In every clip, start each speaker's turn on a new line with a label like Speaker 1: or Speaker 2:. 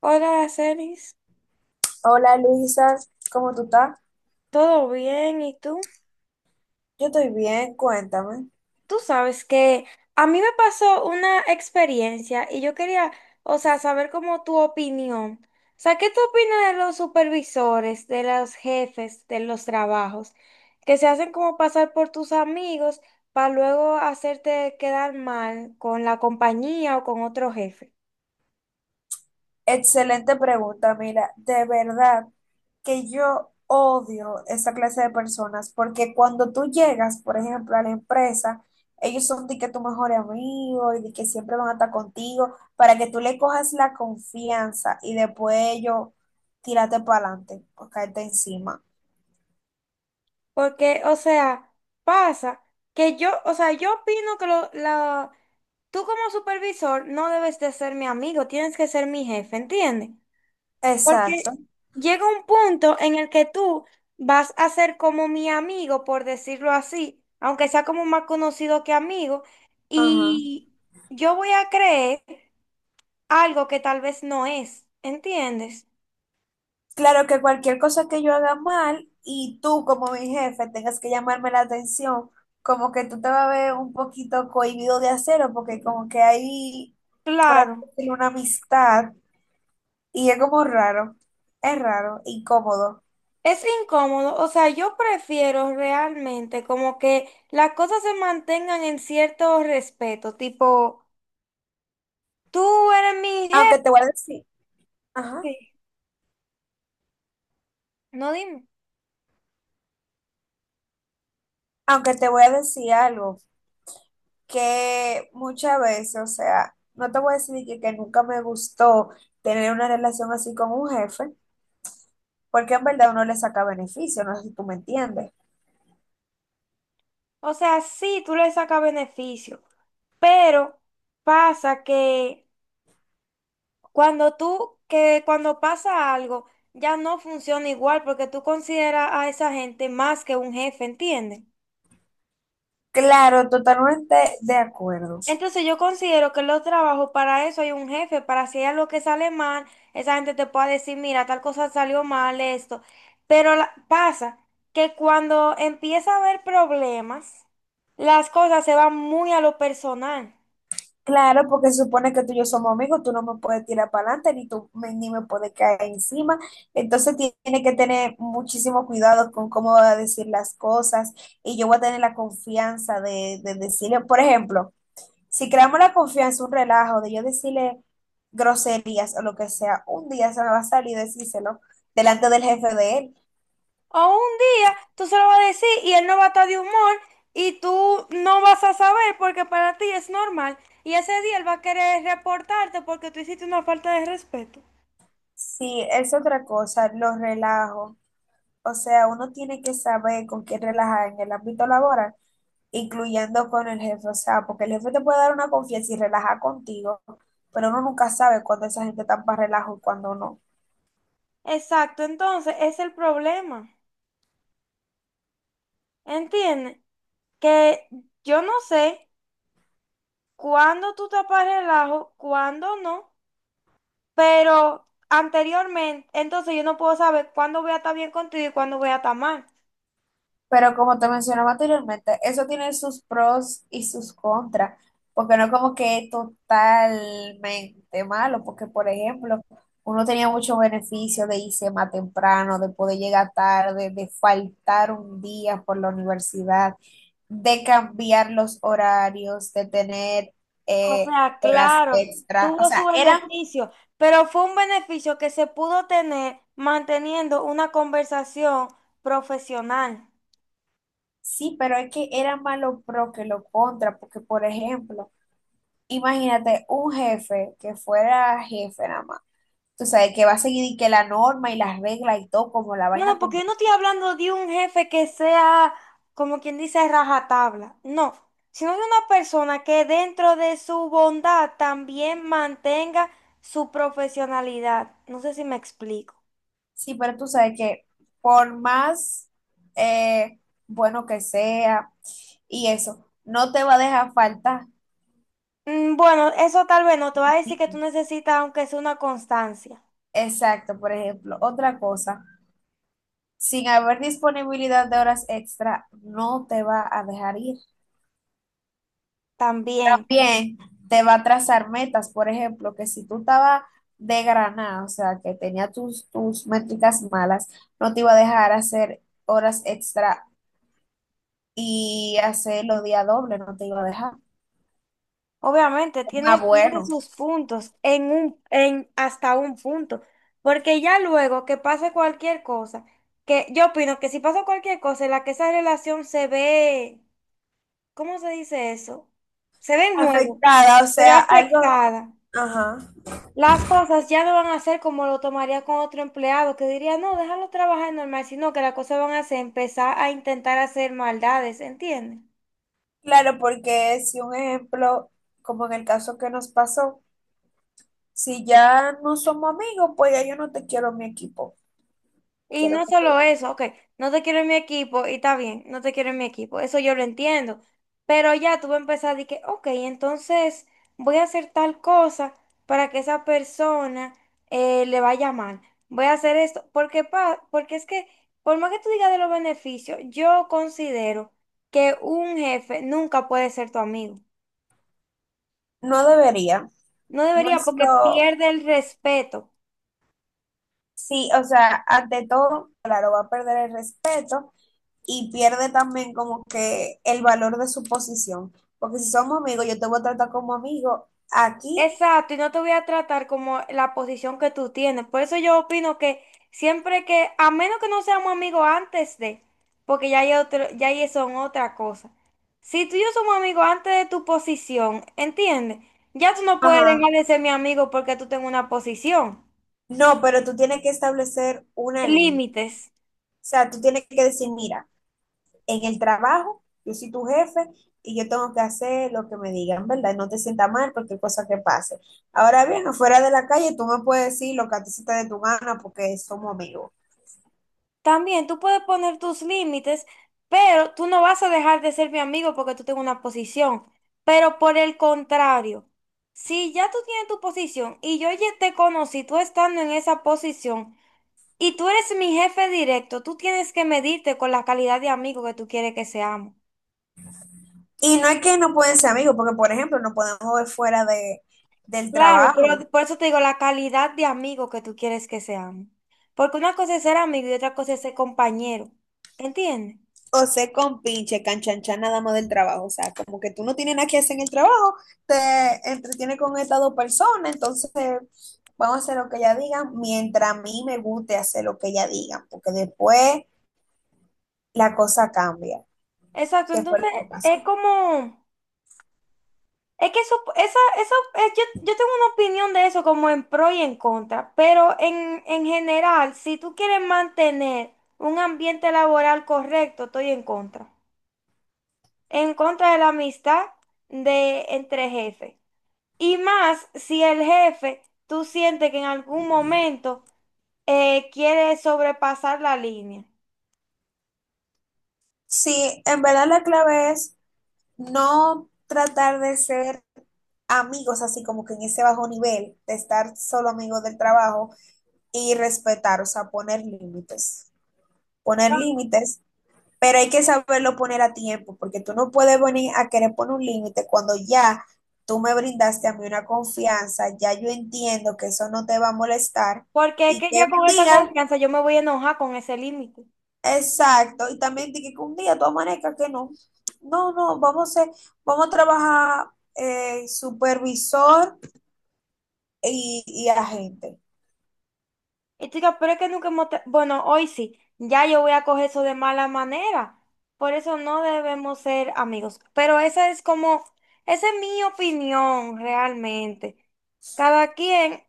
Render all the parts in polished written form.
Speaker 1: Hola, Aracelis,
Speaker 2: Hola Luisa, ¿cómo tú estás?
Speaker 1: ¿todo bien? ¿Y tú?
Speaker 2: Yo estoy bien, cuéntame.
Speaker 1: Tú sabes que a mí me pasó una experiencia y yo quería saber como tu opinión. O sea, ¿qué tú opinas de los supervisores, de los jefes, de los trabajos, que se hacen como pasar por tus amigos para luego hacerte quedar mal con la compañía o con otro jefe?
Speaker 2: Excelente pregunta, mira, de verdad que yo odio esa clase de personas porque cuando tú llegas, por ejemplo, a la empresa, ellos son de que tu mejor amigo y de que siempre van a estar contigo para que tú le cojas la confianza y después ellos tírate para adelante o caerte encima.
Speaker 1: Porque, o sea, pasa que yo, o sea, yo opino que tú como supervisor no debes de ser mi amigo, tienes que ser mi jefe, ¿entiendes?
Speaker 2: Exacto.
Speaker 1: Porque llega un punto en el que tú vas a ser como mi amigo, por decirlo así, aunque sea como más conocido que amigo,
Speaker 2: Ajá.
Speaker 1: y yo voy a creer algo que tal vez no es, ¿entiendes?
Speaker 2: Claro que cualquier cosa que yo haga mal y tú como mi jefe tengas que llamarme la atención, como que tú te vas a ver un poquito cohibido de hacerlo porque como que hay, por así
Speaker 1: Claro.
Speaker 2: decirlo, una amistad y es como raro, es raro, incómodo.
Speaker 1: Es incómodo, o sea, yo prefiero realmente como que las cosas se mantengan en cierto respeto, tipo, tú eres mi
Speaker 2: Aunque te voy a decir, ajá,
Speaker 1: jefe, no dime.
Speaker 2: aunque te voy a decir algo que muchas veces, o sea, no te voy a decir que nunca me gustó tener una relación así con un jefe, porque en verdad uno le saca beneficio, no sé si tú me entiendes.
Speaker 1: O sea, sí, tú le sacas beneficio, pero pasa que cuando pasa algo, ya no funciona igual porque tú consideras a esa gente más que un jefe, ¿entiendes?
Speaker 2: Claro, totalmente de acuerdo.
Speaker 1: Entonces yo considero que en los trabajos para eso hay un jefe, para si hay algo que sale mal, esa gente te pueda decir, mira, tal cosa salió mal, esto. Pero pasa que cuando empieza a haber problemas, las cosas se van muy a lo personal.
Speaker 2: Claro, porque se supone que tú y yo somos amigos, tú no me puedes tirar para adelante, ni me puedes caer encima. Entonces tiene que tener muchísimo cuidado con cómo va a decir las cosas y yo voy a tener la confianza de decirle, por ejemplo, si creamos la confianza, un relajo de yo decirle groserías o lo que sea, un día se me va a salir decírselo delante del jefe de él.
Speaker 1: O un día tú se lo vas a decir y él no va a estar de humor y tú no vas a saber porque para ti es normal. Y ese día él va a querer reportarte porque tú hiciste una falta de respeto.
Speaker 2: Si es otra cosa, los relajo. O sea, uno tiene que saber con quién relajar en el ámbito laboral, incluyendo con el jefe. O sea, porque el jefe te puede dar una confianza y relajar contigo, pero uno nunca sabe cuándo esa gente está para relajo y cuándo no.
Speaker 1: Exacto, entonces ese es el problema. ¿Entiendes? Que yo no sé cuándo tú tapas relajo, cuándo no, pero anteriormente, entonces yo no puedo saber cuándo voy a estar bien contigo y cuándo voy a estar mal.
Speaker 2: Pero como te mencionaba anteriormente, eso tiene sus pros y sus contras, porque no es como que es totalmente malo, porque por ejemplo, uno tenía muchos beneficios de irse más temprano, de poder llegar tarde, de faltar un día por la universidad, de cambiar los horarios, de tener
Speaker 1: O sea,
Speaker 2: horas
Speaker 1: claro,
Speaker 2: extra. O
Speaker 1: tuvo su
Speaker 2: sea, eran,
Speaker 1: beneficio, pero fue un beneficio que se pudo tener manteniendo una conversación profesional.
Speaker 2: sí, pero es que era más lo pro que lo contra, porque por ejemplo, imagínate un jefe que fuera jefe nada más. Tú sabes que va a seguir y que la norma y las reglas y todo, como la
Speaker 1: No,
Speaker 2: vaina
Speaker 1: no,
Speaker 2: como
Speaker 1: porque yo no estoy hablando de un jefe que sea, como quien dice, rajatabla. No, sino de una persona que dentro de su bondad también mantenga su profesionalidad. No sé si me explico.
Speaker 2: sí, pero tú sabes que por más eh, bueno que sea y eso, no te va a dejar falta.
Speaker 1: Bueno, eso tal vez no te va a decir que tú necesitas, aunque sea una constancia,
Speaker 2: Exacto, por ejemplo. Otra cosa, sin haber disponibilidad de horas extra, no te va a dejar ir.
Speaker 1: también.
Speaker 2: También te va a trazar metas, por ejemplo, que si tú estabas de granada, o sea, que tenía tus métricas malas, no te iba a dejar hacer horas extra y hacer los días dobles, no te iba a dejar.
Speaker 1: Obviamente,
Speaker 2: Ah,
Speaker 1: tiene
Speaker 2: bueno.
Speaker 1: sus puntos en hasta un punto. Porque ya luego que pase cualquier cosa, que yo opino que si pasa cualquier cosa en la que esa relación se ve, ¿cómo se dice eso? Se ve en juego,
Speaker 2: Afectada, o
Speaker 1: se ve
Speaker 2: sea, algo,
Speaker 1: afectada.
Speaker 2: ajá.
Speaker 1: Las cosas ya no van a ser como lo tomaría con otro empleado que diría, no, déjalo trabajar normal, sino que las cosas van a ser empezar a intentar hacer maldades, ¿entiendes?
Speaker 2: Claro, porque si un ejemplo, como en el caso que nos pasó, si ya no somos amigos, pues ya yo no te quiero en mi equipo.
Speaker 1: Y
Speaker 2: Quiero
Speaker 1: no
Speaker 2: que tú
Speaker 1: solo
Speaker 2: veas.
Speaker 1: eso, ok, no te quiero en mi equipo y está bien, no te quiero en mi equipo, eso yo lo entiendo. Pero ya tú vas a empezar de que, ok, entonces voy a hacer tal cosa para que esa persona le vaya mal. Voy a hacer esto, porque, porque es que, por más que tú digas de los beneficios, yo considero que un jefe nunca puede ser tu amigo.
Speaker 2: No debería,
Speaker 1: No
Speaker 2: no
Speaker 1: debería
Speaker 2: es
Speaker 1: porque
Speaker 2: lo,
Speaker 1: pierde el respeto.
Speaker 2: sí, o sea, ante todo, claro, va a perder el respeto y pierde también como que el valor de su posición, porque si somos amigos, yo te voy a tratar como amigo, aquí,
Speaker 1: Exacto, y no te voy a tratar como la posición que tú tienes. Por eso yo opino que siempre que, a menos que no seamos amigos antes de, porque ya hay otro, ya ahí son otra cosa. Si tú y yo somos amigos antes de tu posición, ¿entiendes? Ya tú no puedes dejar
Speaker 2: ajá,
Speaker 1: de ser mi amigo porque tú tengas una posición.
Speaker 2: no, pero tú tienes que establecer una línea, o
Speaker 1: Límites.
Speaker 2: sea, tú tienes que decir, mira, en el trabajo, yo soy tu jefe y yo tengo que hacer lo que me digan, ¿verdad? Y no te sienta mal porque cosa que pase. Ahora bien, afuera de la calle tú me puedes decir lo que a ti se te dé tu gana porque somos amigos.
Speaker 1: También tú puedes poner tus límites, pero tú no vas a dejar de ser mi amigo porque tú tengas una posición. Pero por el contrario, si ya tú tienes tu posición y yo ya te conocí, tú estando en esa posición y tú eres mi jefe directo, tú tienes que medirte con la calidad de amigo que tú quieres que seamos.
Speaker 2: Y no es que no pueden ser amigos, porque por ejemplo no podemos ver fuera del
Speaker 1: Claro,
Speaker 2: trabajo.
Speaker 1: pero por eso te digo la calidad de amigo que tú quieres que seamos. Porque una cosa es ser amigo y otra cosa es ser compañero. ¿Entiendes?
Speaker 2: O ser con pinche canchanchan nada más del trabajo. O sea, como que tú no tienes nada que hacer en el trabajo, te entretienes con estas dos personas, entonces vamos a hacer lo que ella diga mientras a mí me guste hacer lo que ella diga, porque después la cosa cambia.
Speaker 1: Exacto,
Speaker 2: ¿Qué fue lo
Speaker 1: entonces
Speaker 2: que pasó?
Speaker 1: es como... Es que eso, esa, eso, es- yo tengo una opinión de eso como en pro y en contra, pero en general, si tú quieres mantener un ambiente laboral correcto, estoy en contra. En contra de la amistad de entre jefes. Y más si el jefe, tú sientes que en algún momento quiere sobrepasar la línea.
Speaker 2: Sí, en verdad la clave es no tratar de ser amigos así como que en ese bajo nivel, de estar solo amigos del trabajo y respetar, o sea, poner límites, pero hay que saberlo poner a tiempo, porque tú no puedes venir a querer poner un límite cuando ya tú me brindaste a mí una confianza, ya yo entiendo que eso no te va a molestar
Speaker 1: Porque es
Speaker 2: y
Speaker 1: que
Speaker 2: que
Speaker 1: ya con
Speaker 2: un
Speaker 1: esa
Speaker 2: día
Speaker 1: confianza yo me voy a enojar con ese límite.
Speaker 2: exacto, y también de que un día tú amanezcas que no, no, no, vamos a, vamos a trabajar supervisor y agente.
Speaker 1: Y tú dirás, pero es que nunca Bueno, hoy sí, ya yo voy a coger eso de mala manera. Por eso no debemos ser amigos. Pero esa es como, esa es mi opinión realmente. Cada quien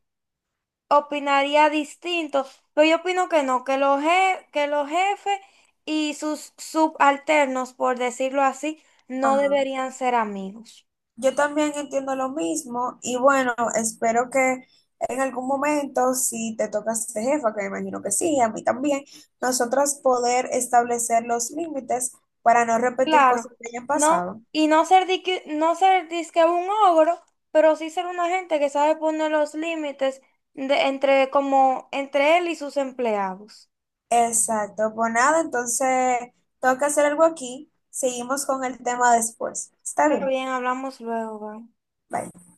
Speaker 1: opinaría distinto, pero yo opino que no, que que los jefes y sus subalternos, por decirlo así, no
Speaker 2: Ajá.
Speaker 1: deberían ser amigos.
Speaker 2: Yo también entiendo lo mismo y bueno, espero que en algún momento, si te toca ser jefa, que me imagino que sí, y a mí también, nosotras poder establecer los límites para no repetir cosas
Speaker 1: Claro,
Speaker 2: que hayan
Speaker 1: no,
Speaker 2: pasado.
Speaker 1: y no ser disque, no ser disque un ogro, pero sí ser una gente que sabe poner los límites de, entre como entre él y sus empleados.
Speaker 2: Exacto, pues nada, entonces tengo que hacer algo aquí. Seguimos con el tema después. Está
Speaker 1: Está
Speaker 2: bien,
Speaker 1: bien, hablamos luego, bye.
Speaker 2: bye.